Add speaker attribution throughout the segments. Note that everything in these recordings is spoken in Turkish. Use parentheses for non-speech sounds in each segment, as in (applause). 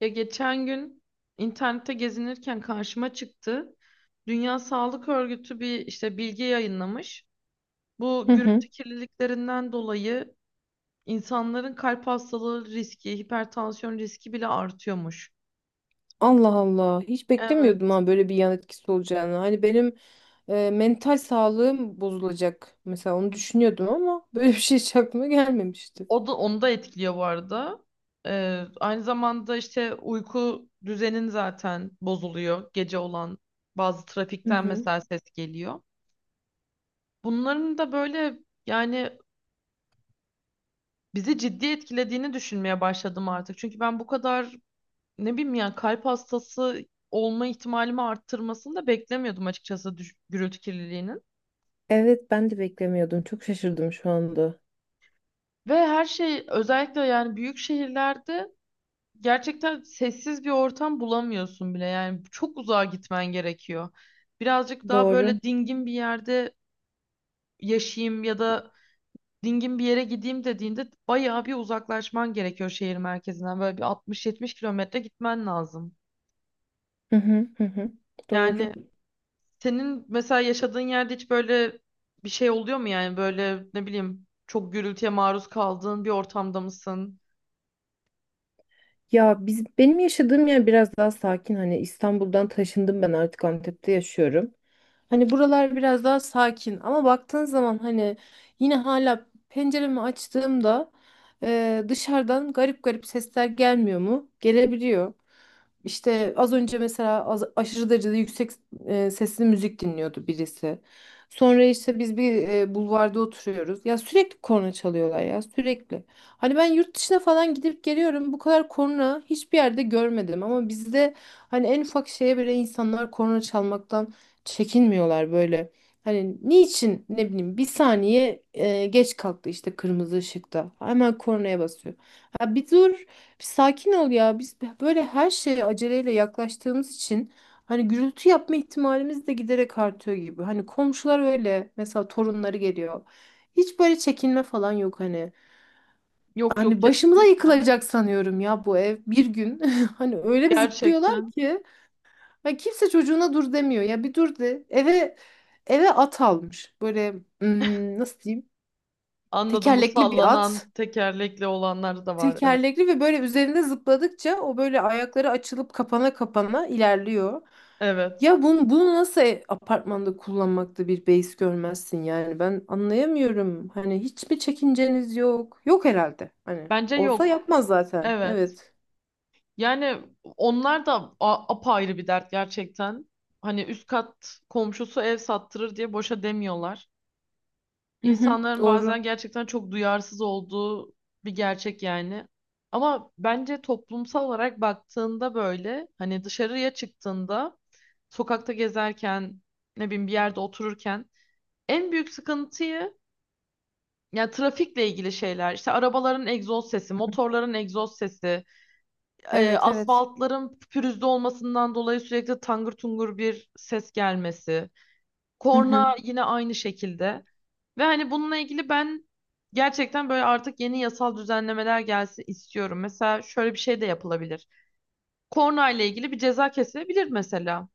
Speaker 1: Ya geçen gün internette gezinirken karşıma çıktı. Dünya Sağlık Örgütü bir işte bilgi yayınlamış. Bu
Speaker 2: Hı
Speaker 1: gürültü
Speaker 2: hı.
Speaker 1: kirliliklerinden dolayı insanların kalp hastalığı riski, hipertansiyon riski bile artıyormuş.
Speaker 2: Allah Allah. Hiç beklemiyordum
Speaker 1: Evet.
Speaker 2: ha böyle bir yan etkisi olacağını. Hani benim mental sağlığım bozulacak. Mesela onu düşünüyordum ama (laughs) böyle bir şey hiç aklıma gelmemişti.
Speaker 1: O da onu da etkiliyor bu arada. Aynı zamanda işte uyku düzenin zaten bozuluyor. Gece olan bazı
Speaker 2: Hı
Speaker 1: trafikten
Speaker 2: hı.
Speaker 1: mesela ses geliyor. Bunların da böyle yani bizi ciddi etkilediğini düşünmeye başladım artık. Çünkü ben bu kadar ne bileyim yani kalp hastası olma ihtimalimi arttırmasını da beklemiyordum açıkçası gürültü kirliliğinin.
Speaker 2: Evet ben de beklemiyordum. Çok şaşırdım şu anda.
Speaker 1: Ve her şey özellikle yani büyük şehirlerde gerçekten sessiz bir ortam bulamıyorsun bile. Yani çok uzağa gitmen gerekiyor. Birazcık daha
Speaker 2: Doğru.
Speaker 1: böyle dingin bir yerde yaşayayım ya da dingin bir yere gideyim dediğinde bayağı bir uzaklaşman gerekiyor şehir merkezinden. Böyle bir 60-70 kilometre gitmen lazım.
Speaker 2: Hı hı hı hı. Doğru.
Speaker 1: Yani. Senin mesela yaşadığın yerde hiç böyle bir şey oluyor mu yani böyle ne bileyim çok gürültüye maruz kaldığın bir ortamda mısın?
Speaker 2: Ya benim yaşadığım yer biraz daha sakin. Hani İstanbul'dan taşındım ben artık Antep'te yaşıyorum. Hani buralar biraz daha sakin ama baktığın zaman hani yine hala penceremi açtığımda dışarıdan garip garip sesler gelmiyor mu? Gelebiliyor. İşte az önce mesela aşırı derecede yüksek sesli müzik dinliyordu birisi. Sonra işte biz bir bulvarda oturuyoruz. Ya sürekli korna çalıyorlar ya sürekli. Hani ben yurt dışına falan gidip geliyorum. Bu kadar korna hiçbir yerde görmedim ama bizde hani en ufak şeye bile insanlar korna çalmaktan çekinmiyorlar böyle. Hani niçin ne bileyim bir saniye geç kalktı işte kırmızı ışıkta. Hemen kornaya basıyor. Ha bir dur bir sakin ol ya. Biz böyle her şeye aceleyle yaklaştığımız için hani gürültü yapma ihtimalimiz de giderek artıyor gibi. Hani komşular öyle mesela torunları geliyor. Hiç böyle çekinme falan yok hani.
Speaker 1: Yok yok
Speaker 2: Hani başımıza
Speaker 1: kesinlikle.
Speaker 2: yıkılacak sanıyorum ya bu ev bir gün. (laughs) Hani öyle bir zıplıyorlar
Speaker 1: Gerçekten
Speaker 2: ki hani kimse çocuğuna dur demiyor. Ya bir dur de. Eve at almış. Böyle nasıl diyeyim?
Speaker 1: anladım, bu
Speaker 2: Tekerlekli bir at.
Speaker 1: sallanan tekerlekli olanlar da var. Evet.
Speaker 2: Tekerlekli ve böyle üzerinde zıpladıkça o böyle ayakları açılıp kapana kapana ilerliyor.
Speaker 1: Evet.
Speaker 2: Ya bunu nasıl apartmanda kullanmakta bir beis görmezsin yani ben anlayamıyorum. Hani hiç mi çekinceniz yok? Yok herhalde. Hani
Speaker 1: Bence
Speaker 2: olsa
Speaker 1: yok.
Speaker 2: yapmaz zaten.
Speaker 1: Evet.
Speaker 2: Evet.
Speaker 1: Yani onlar da apayrı bir dert gerçekten. Hani üst kat komşusu ev sattırır diye boşa demiyorlar.
Speaker 2: Hı hı,
Speaker 1: İnsanların bazen
Speaker 2: doğru.
Speaker 1: gerçekten çok duyarsız olduğu bir gerçek yani. Ama bence toplumsal olarak baktığında böyle hani dışarıya çıktığında sokakta gezerken ne bileyim bir yerde otururken en büyük sıkıntıyı yani trafikle ilgili şeyler işte arabaların egzoz sesi, motorların egzoz sesi,
Speaker 2: Evet evet.
Speaker 1: asfaltların pürüzlü olmasından dolayı sürekli tangır tungur bir ses gelmesi.
Speaker 2: Hı
Speaker 1: Korna
Speaker 2: hı,
Speaker 1: yine aynı şekilde. Ve hani bununla ilgili ben gerçekten böyle artık yeni yasal düzenlemeler gelsin istiyorum. Mesela şöyle bir şey de yapılabilir. Korna ile ilgili bir ceza kesilebilir mesela.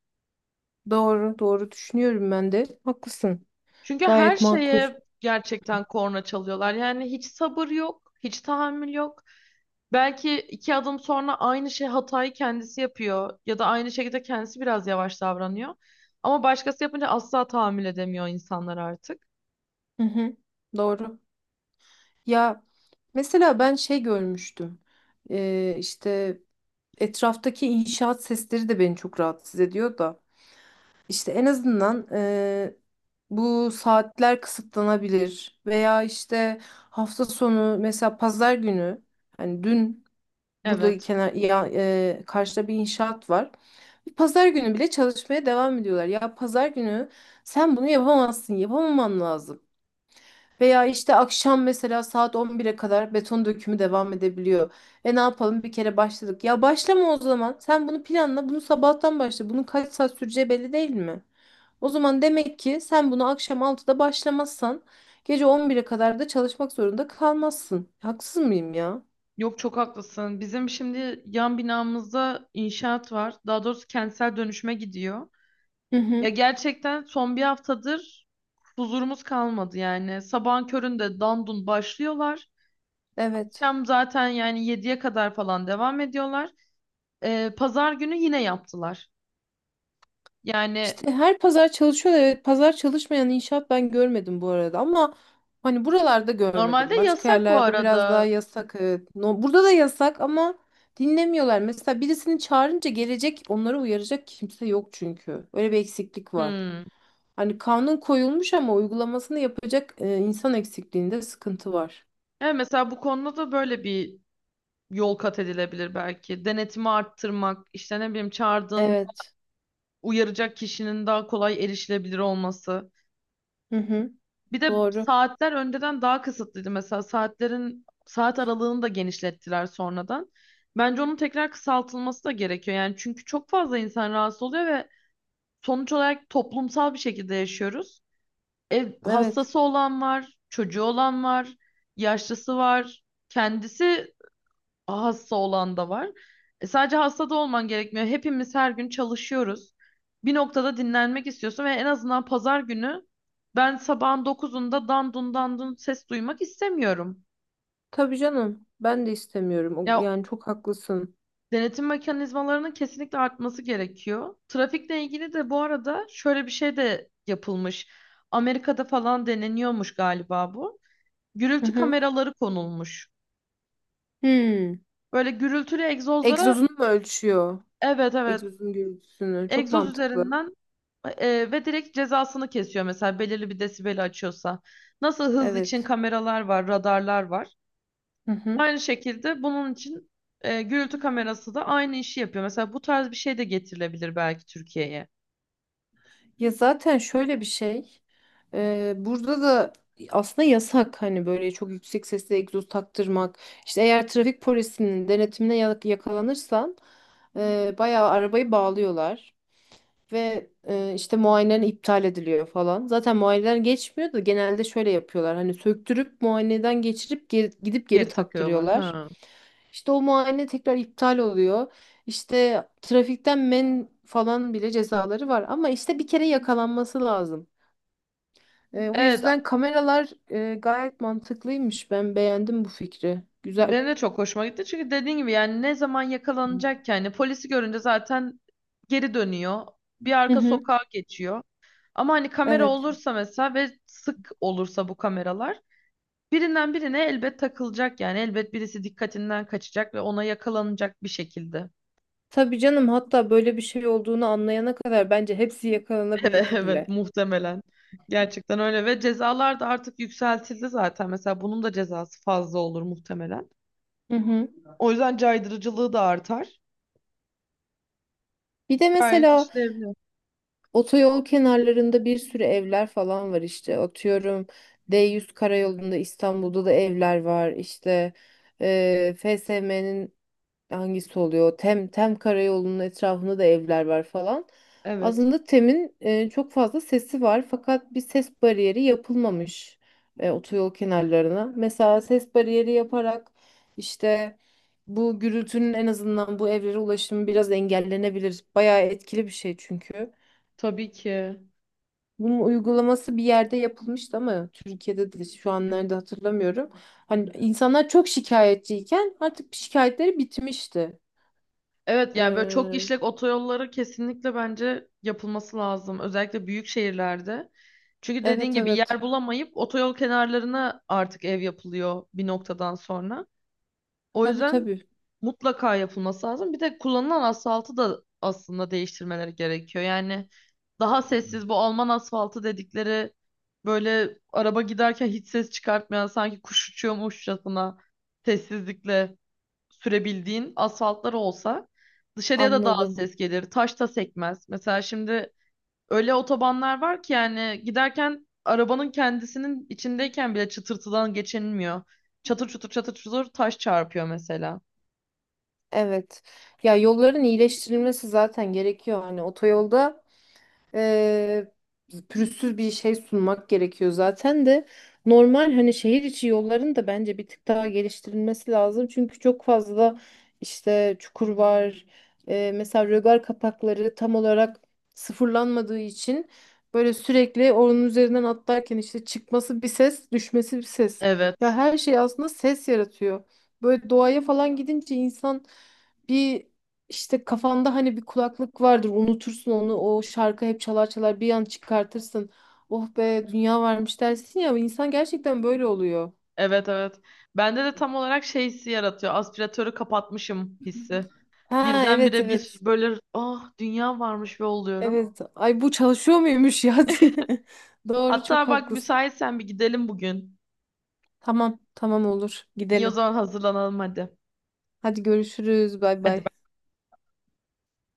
Speaker 2: doğru doğru düşünüyorum ben de. Haklısın.
Speaker 1: Çünkü her
Speaker 2: Gayet makul.
Speaker 1: şeye gerçekten korna çalıyorlar. Yani hiç sabır yok, hiç tahammül yok. Belki iki adım sonra aynı şey hatayı kendisi yapıyor ya da aynı şekilde kendisi biraz yavaş davranıyor. Ama başkası yapınca asla tahammül edemiyor insanlar artık.
Speaker 2: Hı hı, doğru. Ya mesela ben şey görmüştüm. İşte etraftaki inşaat sesleri de beni çok rahatsız ediyor da. İşte en azından bu saatler kısıtlanabilir veya işte hafta sonu mesela pazar günü hani dün burada
Speaker 1: Evet.
Speaker 2: kenar ya, karşıda bir inşaat var. Pazar günü bile çalışmaya devam ediyorlar. Ya pazar günü sen bunu yapamazsın, yapamaman lazım. Veya işte akşam mesela saat 11'e kadar beton dökümü devam edebiliyor. E ne yapalım bir kere başladık. Ya başlama o zaman. Sen bunu planla, bunu sabahtan başla. Bunun kaç saat süreceği belli değil mi? O zaman demek ki sen bunu akşam 6'da başlamazsan gece 11'e kadar da çalışmak zorunda kalmazsın. Haksız mıyım ya?
Speaker 1: Yok, çok haklısın. Bizim şimdi yan binamızda inşaat var. Daha doğrusu kentsel dönüşüme gidiyor.
Speaker 2: Hı
Speaker 1: Ya
Speaker 2: hı.
Speaker 1: gerçekten son bir haftadır huzurumuz kalmadı yani. Sabahın köründe dandun başlıyorlar.
Speaker 2: Evet.
Speaker 1: Akşam zaten yani yediye kadar falan devam ediyorlar. Pazar günü yine yaptılar. Yani
Speaker 2: İşte her pazar çalışıyorlar. Evet, pazar çalışmayan inşaat ben görmedim bu arada ama hani buralarda
Speaker 1: normalde
Speaker 2: görmedim. Başka
Speaker 1: yasak bu
Speaker 2: yerlerde biraz daha
Speaker 1: arada.
Speaker 2: yasak. Evet. No, burada da yasak ama dinlemiyorlar. Mesela birisini çağırınca gelecek onları uyaracak kimse yok çünkü. Öyle bir eksiklik var.
Speaker 1: Hmm.
Speaker 2: Hani kanun koyulmuş ama uygulamasını yapacak insan eksikliğinde sıkıntı var.
Speaker 1: Evet, mesela bu konuda da böyle bir yol kat edilebilir belki. Denetimi arttırmak, işte ne bileyim çağırdığın
Speaker 2: Evet.
Speaker 1: uyaracak kişinin daha kolay erişilebilir olması.
Speaker 2: Hı hı.
Speaker 1: Bir de
Speaker 2: Doğru.
Speaker 1: saatler önceden daha kısıtlıydı. Mesela saatlerin saat aralığını da genişlettiler sonradan. Bence onun tekrar kısaltılması da gerekiyor. Yani çünkü çok fazla insan rahatsız oluyor ve sonuç olarak toplumsal bir şekilde yaşıyoruz. Ev
Speaker 2: Evet.
Speaker 1: hastası olan var, çocuğu olan var, yaşlısı var. Kendisi hasta olan da var. E, sadece hasta da olman gerekmiyor. Hepimiz her gün çalışıyoruz. Bir noktada dinlenmek istiyorsun ve en azından pazar günü ben sabahın dokuzunda dandun dandun ses duymak istemiyorum.
Speaker 2: Tabii canım. Ben de istemiyorum.
Speaker 1: Ya
Speaker 2: Yani çok haklısın.
Speaker 1: denetim mekanizmalarının kesinlikle artması gerekiyor. Trafikle ilgili de bu arada şöyle bir şey de yapılmış. Amerika'da falan deneniyormuş galiba bu.
Speaker 2: Hı
Speaker 1: Gürültü
Speaker 2: hı.
Speaker 1: kameraları konulmuş.
Speaker 2: Hmm.
Speaker 1: Böyle gürültülü egzozlara
Speaker 2: Egzozunu mu ölçüyor?
Speaker 1: evet, evet,
Speaker 2: Egzozun gürültüsünü. Çok
Speaker 1: egzoz
Speaker 2: mantıklı.
Speaker 1: üzerinden ve direkt cezasını kesiyor mesela belirli bir desibeli açıyorsa. Nasıl hız için
Speaker 2: Evet.
Speaker 1: kameralar var, radarlar var.
Speaker 2: Hı hı.
Speaker 1: Aynı şekilde bunun için gürültü kamerası da aynı işi yapıyor. Mesela bu tarz bir şey de getirilebilir belki Türkiye'ye.
Speaker 2: Ya zaten şöyle bir şey. Burada da aslında yasak hani böyle çok yüksek sesle egzoz taktırmak. İşte eğer trafik polisinin denetimine yakalanırsan bayağı arabayı bağlıyorlar. Ve işte muayeneler iptal ediliyor falan. Zaten muayeneler geçmiyor da genelde şöyle yapıyorlar. Hani söktürüp muayeneden geçirip gidip geri
Speaker 1: Geri takıyorlar.
Speaker 2: taktırıyorlar.
Speaker 1: Ha.
Speaker 2: İşte o muayene tekrar iptal oluyor. İşte trafikten men falan bile cezaları var. Ama işte bir kere yakalanması lazım. Bu
Speaker 1: Evet,
Speaker 2: yüzden kameralar gayet mantıklıymış. Ben beğendim bu fikri. Güzel.
Speaker 1: benim de çok hoşuma gitti. Çünkü dediğin gibi yani ne zaman yakalanacak ki yani polisi görünce zaten geri dönüyor. Bir
Speaker 2: Hı
Speaker 1: arka
Speaker 2: hı,
Speaker 1: sokağa geçiyor. Ama hani kamera
Speaker 2: evet.
Speaker 1: olursa mesela ve sık olursa bu kameralar birinden birine elbet takılacak yani elbet birisi dikkatinden kaçacak ve ona yakalanacak bir şekilde. (laughs)
Speaker 2: Tabii canım hatta böyle bir şey olduğunu anlayana kadar bence hepsi
Speaker 1: Evet,
Speaker 2: yakalanabilir
Speaker 1: evet
Speaker 2: bile.
Speaker 1: muhtemelen. Gerçekten öyle ve cezalar da artık yükseltildi zaten. Mesela bunun da cezası fazla olur muhtemelen.
Speaker 2: Hı hı.
Speaker 1: O yüzden caydırıcılığı da artar.
Speaker 2: Bir de
Speaker 1: Gayet
Speaker 2: mesela
Speaker 1: işlevli.
Speaker 2: otoyol kenarlarında bir sürü evler falan var işte. Atıyorum D100 karayolunda İstanbul'da da evler var. İşte FSM'nin hangisi oluyor? Tem Karayolu'nun etrafında da evler var falan.
Speaker 1: Evet,
Speaker 2: Aslında Tem'in çok fazla sesi var fakat bir ses bariyeri yapılmamış otoyol kenarlarına. Mesela ses bariyeri yaparak işte bu gürültünün en azından bu evlere ulaşımı biraz engellenebilir. Bayağı etkili bir şey çünkü.
Speaker 1: tabii ki.
Speaker 2: Bunun uygulaması bir yerde yapılmıştı ama Türkiye'de de şu an nerede hatırlamıyorum. Hani insanlar çok şikayetçiyken artık şikayetleri bitmişti.
Speaker 1: Evet yani böyle çok işlek otoyolları kesinlikle bence yapılması lazım. Özellikle büyük şehirlerde. Çünkü dediğin
Speaker 2: Evet
Speaker 1: gibi yer
Speaker 2: evet.
Speaker 1: bulamayıp otoyol kenarlarına artık ev yapılıyor bir noktadan sonra. O
Speaker 2: Tabii
Speaker 1: yüzden
Speaker 2: tabii.
Speaker 1: mutlaka yapılması lazım. Bir de kullanılan asfaltı da aslında değiştirmeleri gerekiyor. Yani daha sessiz bu Alman asfaltı dedikleri böyle araba giderken hiç ses çıkartmayan sanki kuş uçuyormuşçasına sessizlikle sürebildiğin asfaltlar olsa dışarıya da daha az
Speaker 2: Anladım.
Speaker 1: ses gelir. Taş da sekmez. Mesela şimdi öyle otobanlar var ki yani giderken arabanın kendisinin içindeyken bile çıtırtıdan geçinmiyor. Çatır çutur çatır çutur taş çarpıyor mesela.
Speaker 2: Evet. Ya yolların iyileştirilmesi zaten gerekiyor. Hani otoyolda e, pürüzsüz bir şey sunmak gerekiyor zaten de normal hani şehir içi yolların da bence bir tık daha geliştirilmesi lazım. Çünkü çok fazla işte çukur var. Mesela rögar kapakları tam olarak sıfırlanmadığı için böyle sürekli onun üzerinden atlarken işte çıkması bir ses, düşmesi bir ses. Ya
Speaker 1: Evet.
Speaker 2: her şey aslında ses yaratıyor. Böyle doğaya falan gidince insan bir işte kafanda hani bir kulaklık vardır unutursun onu o şarkı hep çalar çalar bir an çıkartırsın. Oh be dünya varmış dersin ya insan gerçekten böyle oluyor.
Speaker 1: Evet evet. Bende de tam olarak şey hissi yaratıyor. Aspiratörü kapatmışım hissi.
Speaker 2: Ha evet
Speaker 1: Birdenbire bir
Speaker 2: evet.
Speaker 1: böyle ah dünya varmış ve oluyorum.
Speaker 2: Evet ay bu çalışıyor muymuş ya (laughs) diye. Doğru çok
Speaker 1: Hatta bak
Speaker 2: haklısın.
Speaker 1: müsaitsen bir gidelim bugün.
Speaker 2: Tamam tamam olur
Speaker 1: İyi o
Speaker 2: gidelim.
Speaker 1: zaman hazırlanalım hadi.
Speaker 2: Hadi görüşürüz bay
Speaker 1: Hadi
Speaker 2: bay.